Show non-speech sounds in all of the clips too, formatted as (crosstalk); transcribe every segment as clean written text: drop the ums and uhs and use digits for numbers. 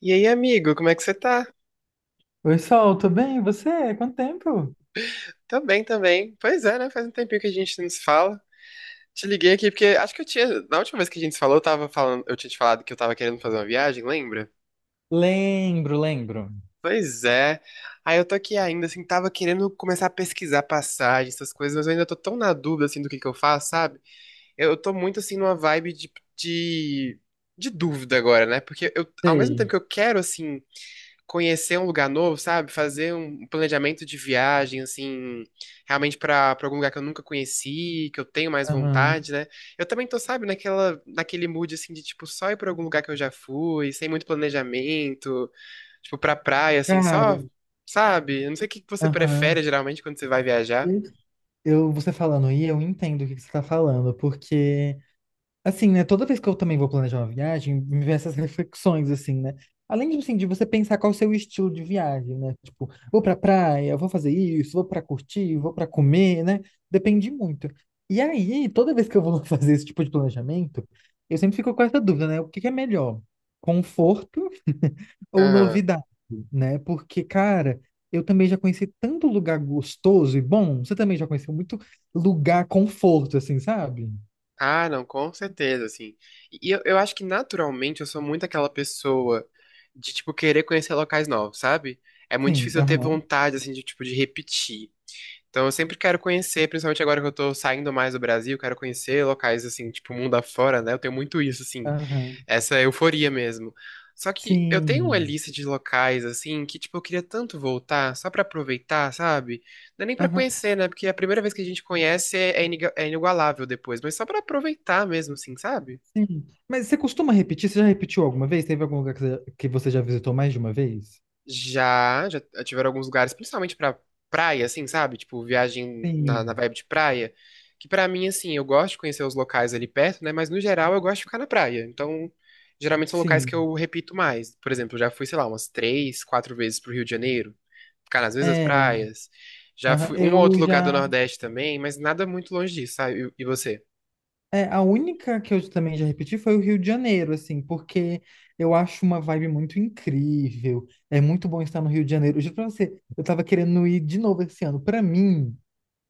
E aí, amigo, como é que você tá? Oi, Sol, tudo bem? E você? Quanto tempo? Tô bem também. Pois é, né? Faz um tempinho que a gente não se fala. Te liguei aqui porque acho que eu tinha. Na última vez que a gente se falou, eu tinha te falado que eu tava querendo fazer uma viagem, lembra? Lembro, lembro. Pois é. Aí eu tô aqui ainda, assim, tava querendo começar a pesquisar passagens, essas coisas, mas eu ainda tô tão na dúvida, assim, do que eu faço, sabe? Eu tô muito, assim, numa vibe de dúvida agora, né? Porque eu, ao mesmo Sei. tempo que eu quero, assim, conhecer um lugar novo, sabe? Fazer um planejamento de viagem, assim, realmente pra algum lugar que eu nunca conheci, que eu tenho mais Aham. vontade, né? Eu também tô, sabe, naquele mood, assim, de, tipo, só ir pra algum lugar que eu já fui, sem muito planejamento, tipo, pra praia, assim, Cara, só, sabe? Eu não sei o que que você aham. prefere, geralmente, quando você vai viajar. Eu, você falando aí, eu entendo o que que você tá falando, porque assim, né? Toda vez que eu também vou planejar uma viagem, me vem essas reflexões, assim, né? Além, assim, de você pensar qual é o seu estilo de viagem, né? Tipo, vou pra praia, vou fazer isso, vou pra curtir, vou pra comer, né? Depende muito. E aí, toda vez que eu vou (laughs) fazer esse tipo de planejamento, eu sempre fico com essa dúvida, né? O que que é melhor? Conforto ou novidade, né? Porque, cara, eu também já conheci tanto lugar gostoso e bom, você também já conheceu muito lugar conforto, assim, sabe? Ah, não, com certeza, assim. E eu acho que naturalmente eu sou muito aquela pessoa de, tipo, querer conhecer locais novos, sabe? É muito Sim, difícil eu ter aham, vontade, assim, de, tipo, de repetir. Então eu sempre quero conhecer, principalmente agora que eu tô saindo mais do Brasil, quero conhecer locais, assim, tipo, mundo afora, né? Eu tenho muito isso, assim. aham. Essa euforia mesmo. Só que eu tenho uma Sim. lista de locais, assim, que, tipo, eu queria tanto voltar, só pra aproveitar, sabe? Não é nem pra Aham. conhecer, né? Porque a primeira vez que a gente conhece é inigualável depois, mas só pra aproveitar mesmo, assim, sabe? Sim. Mas você costuma repetir? Você já repetiu alguma vez? Teve algum lugar que você já visitou mais de uma vez? Já tiveram alguns lugares, principalmente pra praia, assim, sabe? Tipo, viagem na Sim. vibe de praia, que pra mim, assim, eu gosto de conhecer os locais ali perto, né? Mas no geral eu gosto de ficar na praia. Então, geralmente são locais que Sim. eu repito mais. Por exemplo, eu já fui, sei lá, umas três, quatro vezes pro Rio de Janeiro. Ficar nas mesmas É. praias. Já Aham. fui um ou Eu outro lugar do já. Nordeste também, mas nada muito longe disso, sabe? E você? É, a única que eu também já repeti foi o Rio de Janeiro, assim, porque eu acho uma vibe muito incrível. É muito bom estar no Rio de Janeiro. Eu juro pra você, eu tava querendo ir de novo esse ano. Pra mim,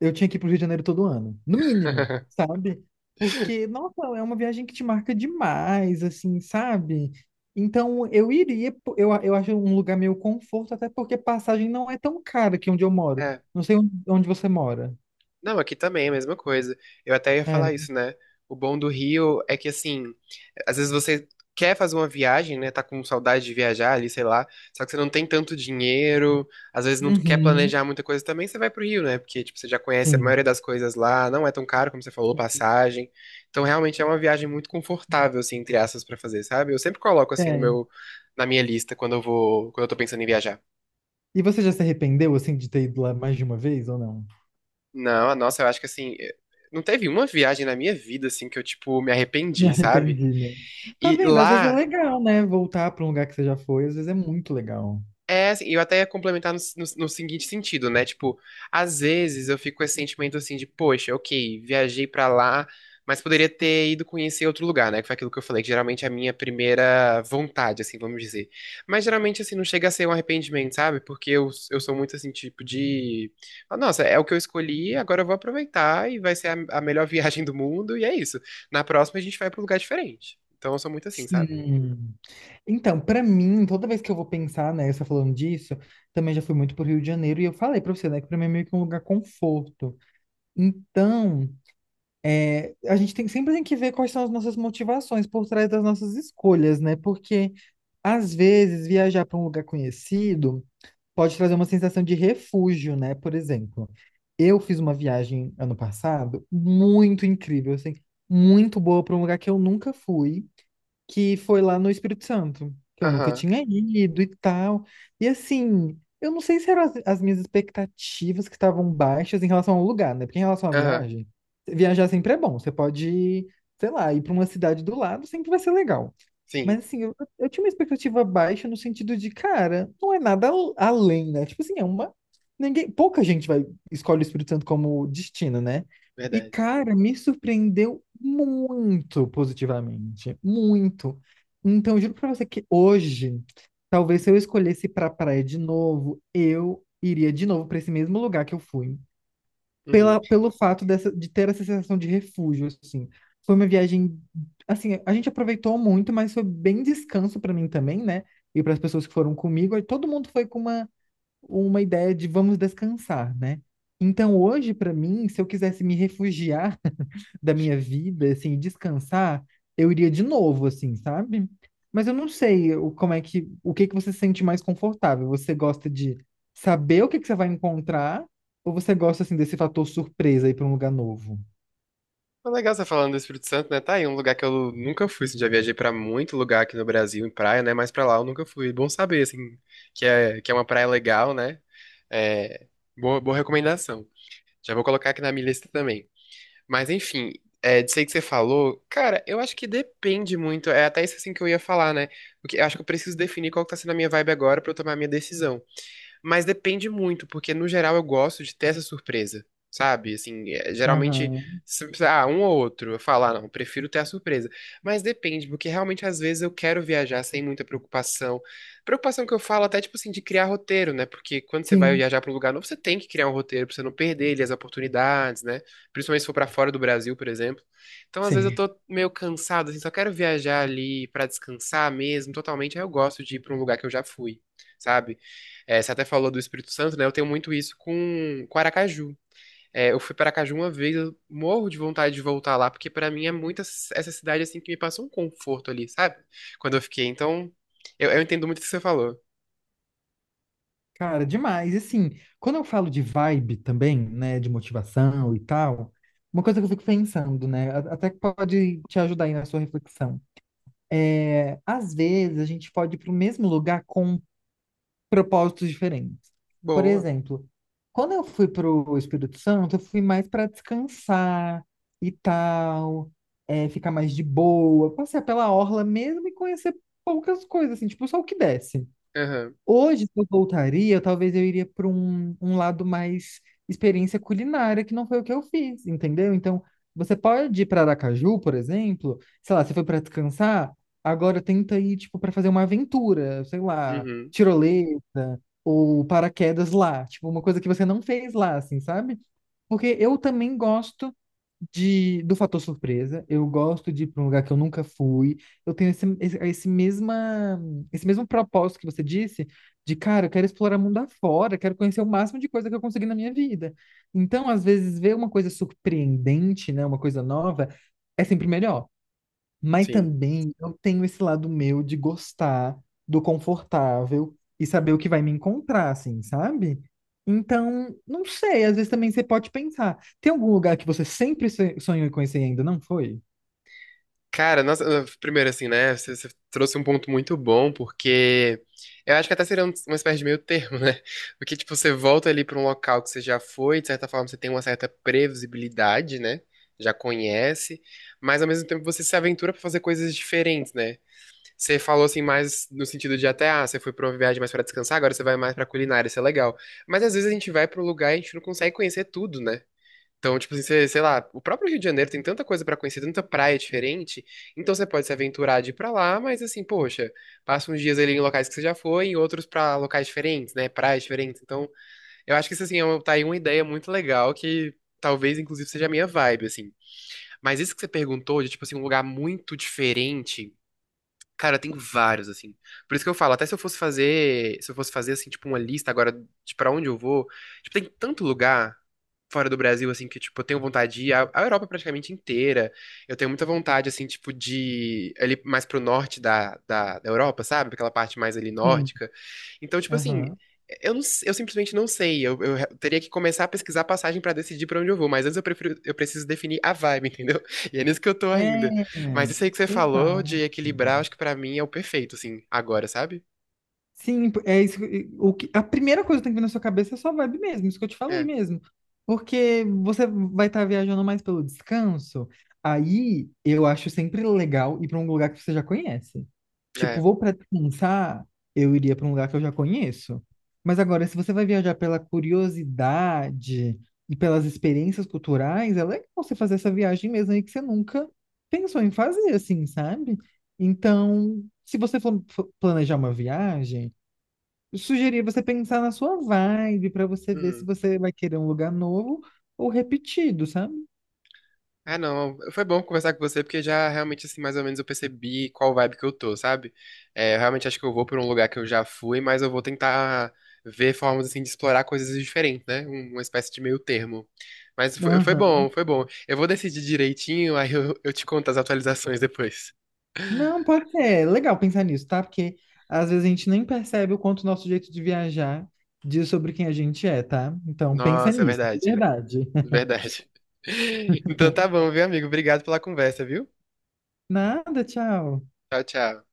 eu tinha que ir pro Rio de Janeiro todo ano, no mínimo, sabe? Porque, nossa, é uma viagem que te marca demais, assim, sabe? Então, eu iria, eu acho um lugar meio conforto, até porque passagem não é tão cara aqui onde eu moro. (laughs) Não sei onde você mora. Não, aqui também é a mesma coisa. Eu até ia falar É. isso, né? O bom do Rio é que, assim, às vezes você quer fazer uma viagem, né? Tá com saudade de viajar ali, sei lá. Só que você não tem tanto dinheiro, às vezes não quer Uhum. planejar muita coisa também, você vai pro Rio, né? Porque, tipo, você já conhece a Sim. maioria das coisas lá, não é tão caro, como você falou, passagem. Então, realmente é uma viagem muito confortável, assim, entre aspas, pra fazer, sabe? Eu sempre coloco, assim, no É. meu, na minha lista quando eu vou, quando eu tô pensando em viajar. E você já se arrependeu, assim, de ter ido lá mais de uma vez ou não? Não, nossa, eu acho que assim, não teve uma viagem na minha vida assim que eu tipo me Me arrependi, sabe? arrependi, né? Tá E vendo? Às vezes é lá. legal, né? Voltar para um lugar que você já foi, às vezes é muito legal. É, assim, eu até ia complementar no seguinte sentido, né? Tipo, às vezes eu fico com esse sentimento assim de, poxa, ok, viajei pra lá, mas poderia ter ido conhecer outro lugar, né? Que foi aquilo que eu falei, que geralmente é a minha primeira vontade, assim, vamos dizer. Mas geralmente, assim, não chega a ser um arrependimento, sabe? Porque eu sou muito assim, tipo, de. "Ah, nossa, é o que eu escolhi, agora eu vou aproveitar e vai ser a melhor (laughs) viagem do mundo, e é isso." Na próxima a gente vai pra um lugar diferente. Então eu sou muito assim, sabe? Sim. Então, pra mim, toda vez que eu vou pensar, né, você falando disso, também já fui muito pro Rio de Janeiro e eu falei pra você, né, que pra mim é meio que um lugar conforto. Então, é, a gente tem, sempre tem que ver quais são as nossas motivações por trás das nossas escolhas, né? Porque, às vezes, viajar para um lugar conhecido pode trazer uma sensação de refúgio, né? Por exemplo, eu fiz uma viagem ano passado muito incrível, assim, muito boa para um lugar que eu nunca fui, que foi lá no Espírito Santo, que eu nunca Aham, tinha ido e tal. E assim, eu não sei se eram as minhas expectativas que estavam baixas em relação ao lugar, né? Porque em relação à aham, viagem, viajar sempre é bom. Você pode, sei lá, ir para uma cidade do lado, sempre vai ser legal. Mas sim, assim, eu tinha uma expectativa baixa no sentido de, cara, não é nada além, né? Tipo assim, é uma. Ninguém, pouca gente vai escolhe o Espírito Santo como destino, né? E, verdade. cara, me surpreendeu muito positivamente. Muito. Então, eu juro pra você que hoje, talvez se eu escolhesse ir pra praia de novo, eu iria de novo pra esse mesmo lugar que eu fui Uhum. pela, pelo fato dessa, de ter essa sensação de refúgio, assim. Foi uma viagem, assim, a gente aproveitou muito, mas foi bem descanso para mim também, né? E para as pessoas que foram comigo, aí todo mundo foi com uma ideia de vamos descansar, né? Então hoje, para mim, se eu quisesse me refugiar da minha vida, assim, e descansar, eu iria de novo, assim, sabe? Mas eu não sei o, como é que, o que que você se sente mais confortável. Você gosta de saber o que que você vai encontrar, ou você gosta, assim, desse fator surpresa ir para um lugar novo? Foi legal você falando do Espírito Santo, né? Tá aí um lugar que eu nunca fui, assim, já viajei pra muito lugar aqui no Brasil, em praia, né? Mas pra lá eu nunca fui. Bom saber, assim, que é uma praia legal, né? É, boa, boa recomendação. Já vou colocar aqui na minha lista também. Mas enfim, é, disso aí que você falou, cara, eu acho que depende muito. É até isso assim que eu ia falar, né? Porque eu acho que eu preciso definir qual que tá sendo a minha vibe agora pra eu tomar a minha decisão. Mas depende muito, porque no geral eu gosto de ter essa surpresa, sabe? Assim, é, geralmente, Aham. Um ou outro, eu falo, ah, não, eu prefiro ter a surpresa. Mas depende, porque realmente às vezes eu quero viajar sem muita preocupação. Preocupação que eu falo até, tipo assim, de criar roteiro, né? Porque quando você vai Sim, viajar para um lugar novo, você tem que criar um roteiro pra você não perder ali as oportunidades, né? Principalmente se for pra fora do Brasil, por exemplo. Então, às vezes eu sim. tô meio cansado, assim, só quero viajar ali pra descansar mesmo, totalmente. Aí eu gosto de ir pra um lugar que eu já fui, sabe? É, você até falou do Espírito Santo, né? Eu tenho muito isso com Aracaju. É, eu fui para Aracaju uma vez, eu morro de vontade de voltar lá, porque para mim é muito essa cidade assim que me passa um conforto ali, sabe? Quando eu fiquei. Então, eu entendo muito o que você falou. Cara, demais. E assim, quando eu falo de vibe também, né, de motivação e tal, uma coisa que eu fico pensando, né, até que pode te ajudar aí na sua reflexão. É, às vezes a gente pode ir para o mesmo lugar com propósitos diferentes. Por Boa. exemplo, quando eu fui para o Espírito Santo, eu fui mais para descansar e tal, é, ficar mais de boa, passear pela orla mesmo e conhecer poucas coisas, assim, tipo, só o que desce. Aham. Hoje, se eu voltaria, talvez eu iria para um, um lado mais experiência culinária, que não foi o que eu fiz, entendeu? Então, você pode ir para Aracaju, por exemplo, sei lá, você foi para descansar, agora tenta ir, tipo, para fazer uma aventura, sei lá, Uhum. tirolesa ou paraquedas lá, tipo, uma coisa que você não fez lá, assim, sabe? Porque eu também gosto de, do fator surpresa. Eu gosto de ir para um lugar que eu nunca fui. Eu tenho esse mesma, esse mesmo propósito que você disse de cara, eu quero explorar mundo afora, quero conhecer o máximo de coisa que eu conseguir na minha vida. Então, às vezes, ver uma coisa surpreendente, né, uma coisa nova, é sempre melhor. Mas Sim. também eu tenho esse lado meu de gostar do confortável e saber o que vai me encontrar, assim, sabe? Então, não sei, às vezes também você pode pensar. Tem algum lugar que você sempre sonhou em conhecer e ainda não foi? Cara, nossa, primeiro assim, né? Você trouxe um ponto muito bom, porque eu acho que até seria uma espécie de meio termo, né? Porque, tipo, você volta ali pra um local que você já foi, de certa forma você tem uma certa previsibilidade, né? Já conhece, mas ao mesmo tempo você se aventura pra fazer coisas diferentes, né? Você falou assim mais no sentido de até, ah, você foi pra uma viagem mais pra descansar, agora você vai mais pra culinária, isso é legal. Mas às vezes a gente vai pra um lugar e a gente não consegue conhecer tudo, né? Então, tipo assim, você- sei lá, o próprio Rio de Janeiro tem tanta coisa pra conhecer, tanta praia diferente, então você pode se aventurar de ir pra lá, mas assim, poxa, passa uns dias ali em locais que você já foi, e outros pra locais diferentes, né, praias diferentes. Então, eu acho que isso assim, tá aí uma ideia muito legal que talvez inclusive seja a minha vibe, assim. Mas isso que você perguntou de tipo assim, um lugar muito diferente, cara, tem vários assim. Por isso que eu falo, até se eu fosse fazer assim, tipo uma lista agora de pra onde eu vou, tipo, tem tanto lugar fora do Brasil, assim, que, tipo, eu tenho vontade de ir à Europa praticamente inteira. Eu tenho muita vontade, assim, tipo, de ir ali mais pro norte da Europa, sabe? Aquela parte mais ali Sim. nórdica. Então, tipo assim, Aham. eu, não, eu simplesmente não sei. Eu teria que começar a pesquisar passagem pra decidir pra onde eu vou. Mas antes eu preciso definir a vibe, (laughs) entendeu? E é nisso que eu tô ainda. É, Mas isso aí que você falou de exato. equilibrar, acho que pra mim é o perfeito, assim, agora, sabe? Sim, é isso. O que, a primeira coisa que tem que vir na sua cabeça é sua vibe mesmo, isso que eu te falei É, mesmo. Porque você vai estar viajando mais pelo descanso. Aí eu acho sempre legal ir para um lugar que você já conhece. Tipo, é. vou para descansar, eu iria para um lugar que eu já conheço. Mas agora, se você vai viajar pela curiosidade e pelas experiências culturais, é legal você fazer essa viagem mesmo aí que você nunca pensou em fazer, assim, sabe? Então, se você for planejar uma viagem. Sugerir você pensar na sua vibe para você ver se Uhum. você vai querer um lugar novo ou repetido, sabe? Ah, não, foi bom conversar com você, porque já realmente, assim, mais ou menos eu percebi qual vibe que eu tô, sabe? É, eu realmente acho que eu vou pra um lugar que eu já fui, mas eu vou tentar ver formas, assim, de explorar coisas diferentes, né? Uma espécie de meio termo. Mas foi Aham. bom, foi bom. Eu vou decidir direitinho, aí eu te conto as atualizações depois. Não, porque é legal pensar nisso, tá? Porque às vezes a gente nem percebe o quanto o nosso jeito de viajar diz sobre quem a gente é, tá? Então pensa Nossa, é nisso, de verdade, verdade. (laughs) verdade. (laughs) Então tá bom, viu, amigo? Obrigado pela conversa, viu? Nada, tchau. Tchau, tchau.